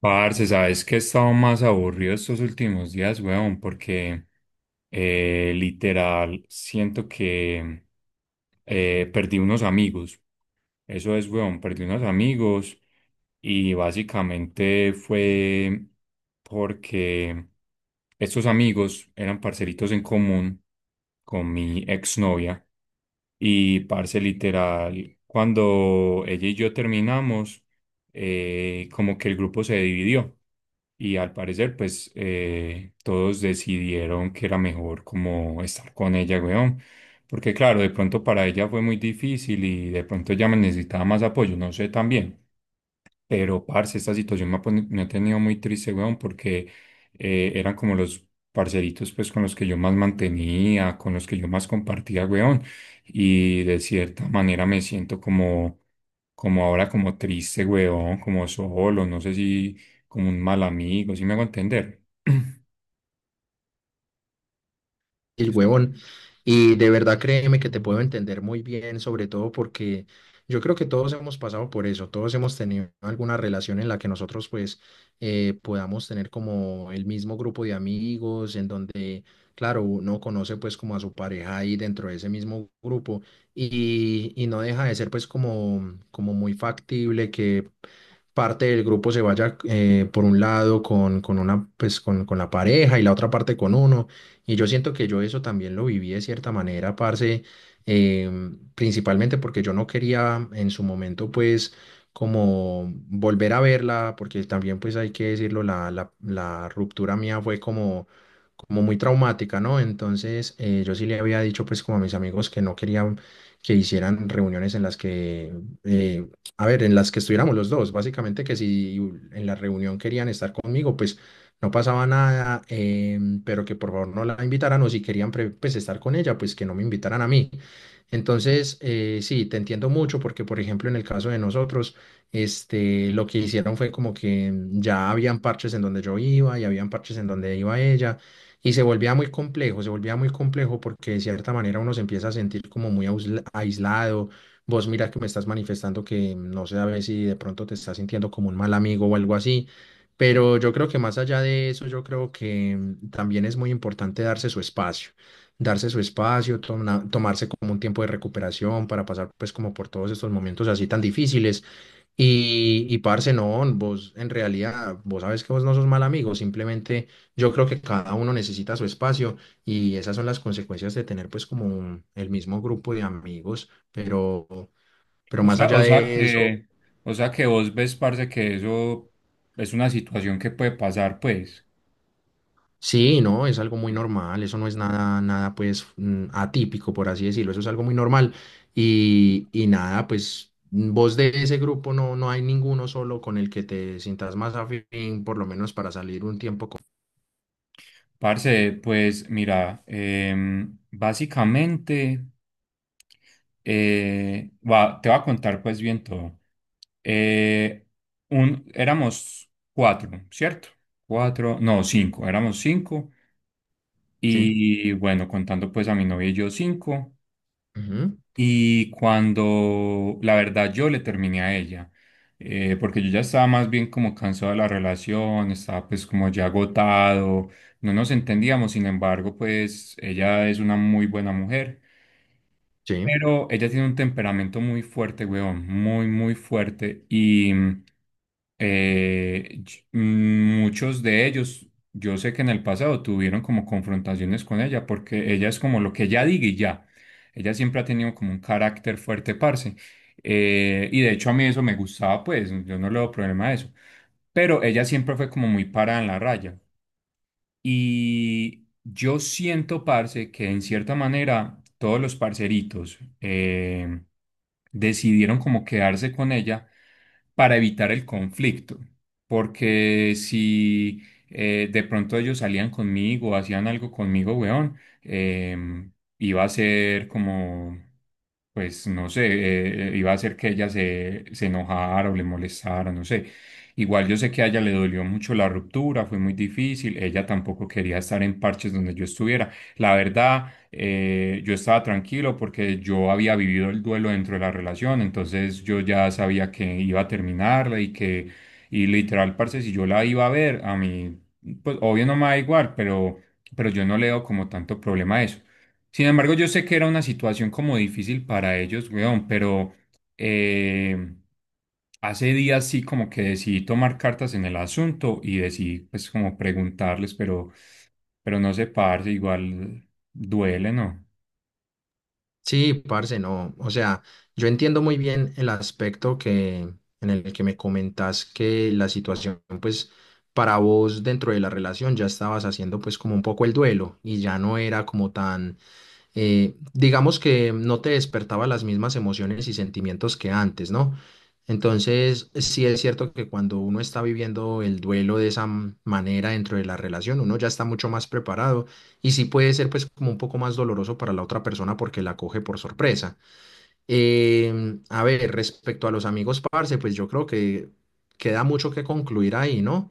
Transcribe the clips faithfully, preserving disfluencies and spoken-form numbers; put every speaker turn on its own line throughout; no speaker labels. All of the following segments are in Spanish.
Parce, sabes que he estado más aburrido estos últimos días, weón, porque eh, literal siento que eh, perdí unos amigos. Eso es, weón, perdí unos amigos y básicamente fue porque estos amigos eran parceritos en común con mi exnovia y parce literal, cuando ella y yo terminamos, eh, como que el grupo se dividió. Y al parecer, pues eh, todos decidieron que era mejor como estar con ella, weón. Porque claro, de pronto para ella fue muy difícil y de pronto ella me necesitaba más apoyo, no sé también. Pero, parce, esta situación me ha, poni- me ha tenido muy triste, weón, porque eh, eran como los parceritos, pues, con los que yo más mantenía, con los que yo más compartía, weón. Y de cierta manera me siento como, como ahora, como triste, weón, como solo, no sé si como un mal amigo, ¿si me hago entender?
El huevón. Y de verdad créeme que te puedo entender muy bien, sobre todo porque yo creo que todos hemos pasado por eso, todos hemos tenido alguna relación en la que nosotros pues eh, podamos tener como el mismo grupo de amigos, en donde, claro, uno conoce pues como a su pareja ahí dentro de ese mismo grupo y, y no deja de ser pues como, como muy factible que parte del grupo se vaya eh, por un lado con, con una pues con, con la pareja y la otra parte con uno. Y yo siento que yo eso también lo viví de cierta manera, parce, em, principalmente porque yo no quería en su momento, pues, como volver a verla, porque también, pues, hay que decirlo, la, la, la ruptura mía fue como, como muy traumática, ¿no? Entonces, eh, yo sí le había dicho, pues, como a mis amigos que no querían que hicieran reuniones en las que, eh, a ver, en las que estuviéramos los dos, básicamente que si en la reunión querían estar conmigo, pues no pasaba nada, em, pero que por favor no la invitaran o si querían pre- pues, estar con ella, pues que no me invitaran a mí. Entonces, eh, sí, te entiendo mucho porque, por ejemplo, en el caso de nosotros, este, lo que hicieron fue como que mm, ya habían parches en donde yo iba y habían parches en donde iba ella y se volvía muy complejo, se volvía muy complejo porque de cierta manera uno se empieza a sentir como muy ausla- aislado. Vos mira que me estás manifestando que mm, no sé a ver si de pronto te estás sintiendo como un mal amigo o algo así. Pero yo creo que más allá de eso, yo creo que mm, también es muy importante darse su espacio, darse su espacio, toma- tomarse como un tiempo de recuperación para pasar pues como por todos estos momentos así tan difíciles. Y, y parce, no, vos en realidad, vos sabes que vos no sos mal amigo, simplemente yo creo que cada uno necesita su espacio y esas son las consecuencias de tener pues como un- el mismo grupo de amigos, pero... Pero
O
más
sea,
allá
o sea
de
que,
eso,
o sea que vos ves, parce, que eso es una situación que puede pasar, pues.
sí, no, es algo muy normal, eso no es nada, nada pues mm, atípico, por así decirlo, eso es algo muy normal. Y, y nada, pues mm, vos de ese grupo no, no hay ninguno solo con el que te sientas más afín, por lo menos para salir un tiempo con...
Parce, pues mira, em, básicamente eh, va- te voy a contar pues bien todo. Eh, un, Éramos cuatro, ¿cierto? Cuatro, no, cinco, éramos cinco.
Sí,
Y bueno, contando pues a mi novia y yo cinco.
ujú,
Y cuando la verdad yo le terminé a ella, eh, porque yo ya estaba más bien como cansado de la relación, estaba pues como ya agotado, no nos entendíamos, sin embargo pues ella es una muy buena mujer,
sí,
pero ella tiene un temperamento muy fuerte, weón, muy, muy fuerte. Y mm, eh, ch- mm, muchos de ellos, yo sé que en el pasado tuvieron como confrontaciones con ella, porque ella es como lo que ella diga y ya. Ella siempre ha tenido como un carácter fuerte, parce. Eh, y de hecho a mí eso me gustaba, pues, yo no le doy problema a eso. Pero ella siempre fue como muy parada en la raya. Y yo siento, parce, que en cierta manera todos los parceritos eh, decidieron como quedarse con ella para evitar el conflicto. Porque si eh, de pronto ellos salían conmigo, hacían algo conmigo, weón, em, iba a ser como, pues no sé, eh, iba a ser que ella se, se enojara o le molestara, no sé. Igual yo sé que a ella le dolió mucho la ruptura, fue muy difícil, ella tampoco quería estar en parches donde yo estuviera. La verdad, eh, yo estaba tranquilo porque yo había vivido el duelo dentro de la relación, entonces yo ya sabía que iba a terminarla y que, y literal, parce, si yo la iba a ver, a mí, pues obvio no me da igual, pero, pero yo no le veo como tanto problema a eso. Sin embargo, yo sé que era una situación como difícil para ellos, weón, pero... Eh, hace días sí como que decidí tomar cartas en el asunto y decidí pues como preguntarles, pero, pero no sé, parce, igual duele, ¿no?
sí, parce, no, o sea, yo entiendo muy bien el aspecto que, en el que me comentas que la situación pues para vos dentro de la relación ya estabas haciendo pues como un poco el duelo y ya no era como tan eh, digamos que no te despertaba las mismas emociones y sentimientos que antes, ¿no? Entonces, sí es cierto que cuando uno está viviendo el duelo de esa m- manera dentro de la relación, uno ya está mucho más preparado y sí puede ser pues como un poco más doloroso para la otra persona porque la coge por sorpresa. Eh, a ver, respecto a los amigos, parce, pues yo creo que queda mucho que concluir ahí, ¿no?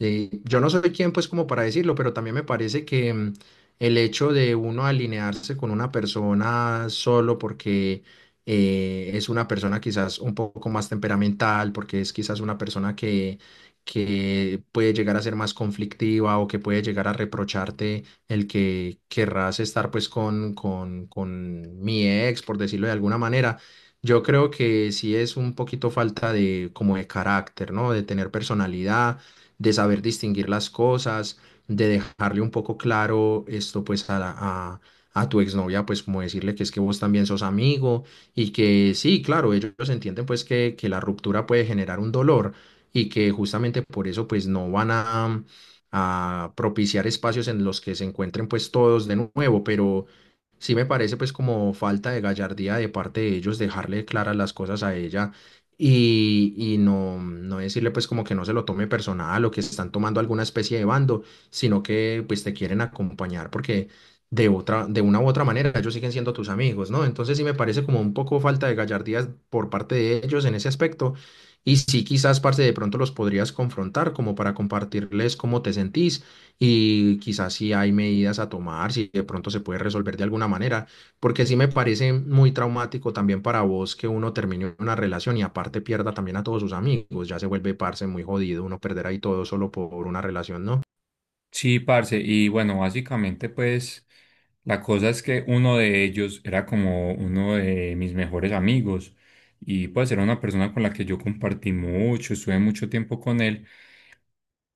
Eh, yo no soy quien, pues, como para decirlo, pero también me parece que mm, el hecho de uno alinearse con una persona solo porque eh, es una persona quizás un poco más temperamental, porque es quizás una persona que, que puede llegar a ser más conflictiva o que puede llegar a reprocharte el que querrás estar pues con, con, con mi ex, por decirlo de alguna manera. Yo creo que sí es un poquito falta de como de carácter, ¿no? De tener personalidad, de saber distinguir las cosas, de dejarle un poco claro esto pues a, la- a, a tu exnovia, pues como decirle que es que vos también sos amigo y que sí, claro, ellos entienden pues que, que la ruptura puede generar un dolor y que justamente por eso pues no van a a propiciar espacios en los que se encuentren pues todos de nuevo, pero sí me parece pues como falta de gallardía de parte de ellos dejarle claras las cosas a ella y, y no, no decirle pues como que no se lo tome personal o que están tomando alguna especie de bando, sino que pues te quieren acompañar porque de otra, de una u otra manera ellos siguen siendo tus amigos, ¿no? Entonces sí me parece como un poco falta de gallardía por parte de ellos en ese aspecto y sí, quizás, parce, de pronto los podrías confrontar como para compartirles cómo te sentís y quizás si hay medidas a tomar, si de pronto se puede resolver de alguna manera, porque sí me parece muy traumático también para vos que uno termine una relación y aparte pierda también a todos sus amigos, ya se vuelve, parce, muy jodido uno perder ahí todo solo por una relación, ¿no?
Sí, parce, y bueno, básicamente pues la cosa es que uno de ellos era como uno de mis mejores amigos y pues era una persona con la que yo compartí mucho, estuve mucho tiempo con él.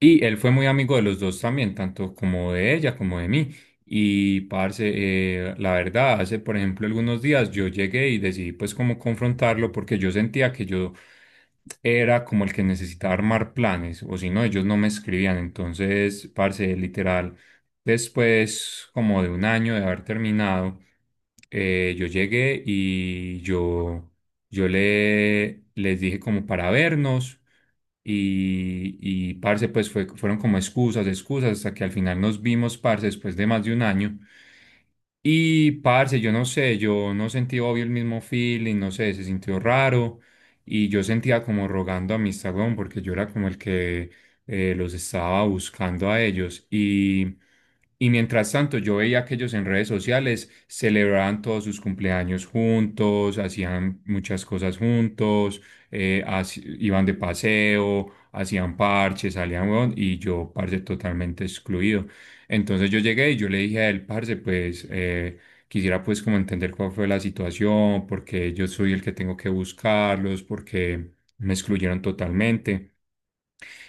Y él fue muy amigo de los dos también, tanto como de ella como de mí. Y parce, eh, la verdad, hace por ejemplo algunos días yo llegué y decidí pues como confrontarlo porque yo sentía que yo era como el que necesitaba armar planes o si no ellos no me escribían. Entonces, parce, literal, después como de un año de haber terminado, eh, yo llegué y yo... Yo le, les dije como para vernos y, y parce, pues fue, fueron como excusas, excusas, hasta que al final nos vimos, parce, después de más de un año. Y parce, yo no sé, yo no sentí obvio el mismo feeling, no sé, se sintió raro y yo sentía como rogando a mi weón, porque yo era como el que eh, los estaba buscando a ellos y... Y mientras tanto, yo veía que ellos en redes sociales celebraban todos sus cumpleaños juntos, hacían muchas cosas juntos, eh, haci- iban de paseo, hacían parches, salían, weón, y yo, parce, totalmente excluido. Entonces yo llegué y yo le dije a él, parce, pues eh, quisiera pues como entender cuál fue la situación, porque yo soy el que tengo que buscarlos, porque me excluyeron totalmente.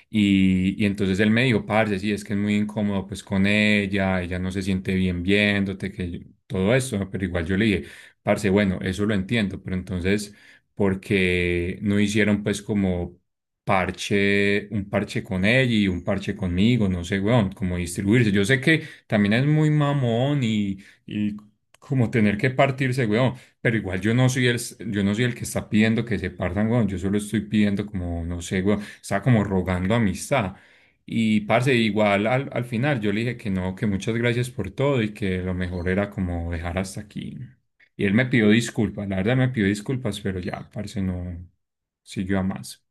Y, y entonces él me dijo, parce, sí, es que es muy incómodo pues con ella, ella no se siente bien viéndote, que yo- todo eso, ¿no? Pero igual yo le dije, parce, bueno, eso lo entiendo, pero entonces, ¿por qué no hicieron pues como parche, un parche con ella y un parche conmigo? No sé, weón, como distribuirse. Yo sé que también es muy mamón y, y como tener que partirse, weón. Pero igual yo no soy el, yo no soy el que está pidiendo que se partan, weón. Yo solo estoy pidiendo como, no sé, weón, estaba como rogando amistad. Y parce, igual al, al final yo le dije que no, que muchas gracias por todo y que lo mejor era como dejar hasta aquí. Y él me pidió disculpas, la verdad me pidió disculpas, pero ya, parce, no siguió a más.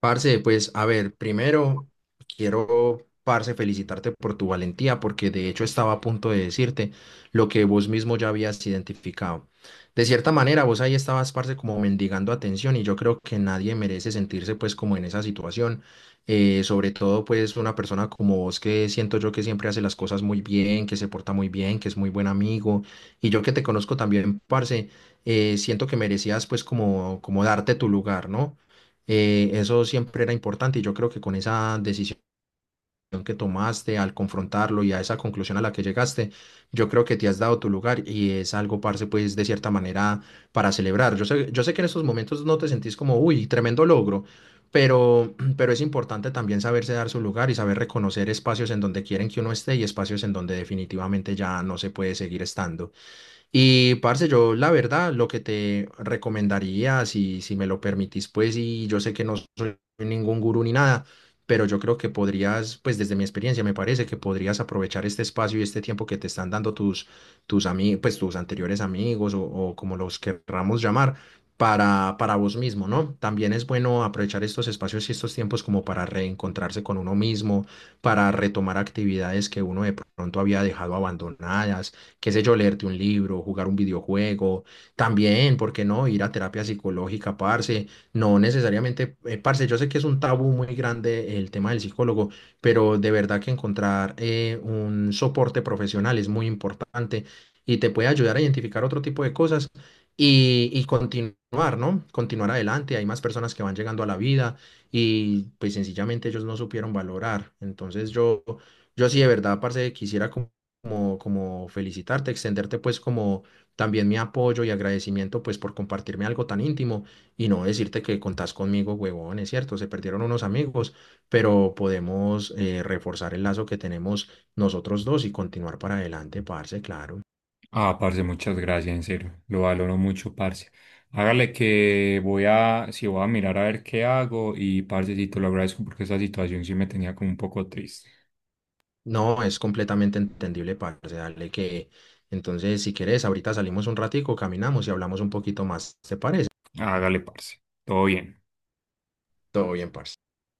Parce, pues a ver, primero quiero, parce, felicitarte por tu valentía, porque de hecho estaba a punto de decirte lo que vos mismo ya habías identificado. De cierta manera, vos ahí estabas, parce, como mendigando atención y yo creo que nadie merece sentirse pues como en esa situación, eh, sobre todo pues una persona como vos que siento yo que siempre hace las cosas muy bien, que se porta muy bien, que es muy buen amigo y yo que te conozco también, parce, eh, siento que merecías pues como, como darte tu lugar, ¿no? Eh, eso siempre era importante y yo creo que con esa decisión que tomaste, al confrontarlo y a esa conclusión a la que llegaste, yo creo que te has dado tu lugar y es algo, parce, pues de cierta manera para celebrar. Yo sé, yo sé que en estos momentos no te sentís como, uy, tremendo logro, pero, pero es importante también saberse dar su lugar y saber reconocer espacios en donde quieren que uno esté y espacios en donde definitivamente ya no se puede seguir estando. Y parce, yo la verdad lo que te recomendaría, si, si me lo permitís, pues, y yo sé que no soy ningún gurú ni nada, pero yo creo que podrías, pues desde mi experiencia me parece que podrías aprovechar este espacio y este tiempo que te están dando tus, tus amigos, pues tus anteriores amigos o, o como los querramos llamar, para, para vos mismo, ¿no? También es bueno aprovechar estos espacios y estos tiempos como para reencontrarse con uno mismo, para retomar actividades que uno de pronto había dejado abandonadas qué sé yo, leerte un libro, jugar un videojuego, también, ¿por qué no? Ir a terapia psicológica, parce, no necesariamente, eh, parce, yo sé que es un tabú muy grande el tema del psicólogo, pero de verdad que encontrar eh, un soporte profesional es muy importante y te puede ayudar a identificar otro tipo de cosas y, y continuar, ¿no? Continuar adelante, hay más personas que van llegando a la vida y pues sencillamente ellos no supieron valorar. Entonces yo, yo sí de verdad, parce, quisiera como como, como felicitarte, extenderte pues como también mi apoyo y agradecimiento pues por compartirme algo tan íntimo y no decirte que contás conmigo, huevón, es cierto, se perdieron unos amigos, pero podemos eh, reforzar el lazo que tenemos nosotros dos y continuar para adelante, parce, claro.
Ah, parce, muchas gracias, en serio. Lo valoro mucho, parce. Hágale que voy a, si voy a mirar a ver qué hago y parce, sí, te lo agradezco porque esa situación sí me tenía como un poco triste.
No, es completamente entendible, parce, dale que... Entonces, si querés, ahorita salimos un ratico, caminamos y hablamos un poquito más, ¿te parece?
Hágale, parce. Todo bien.
Todo bien, parce.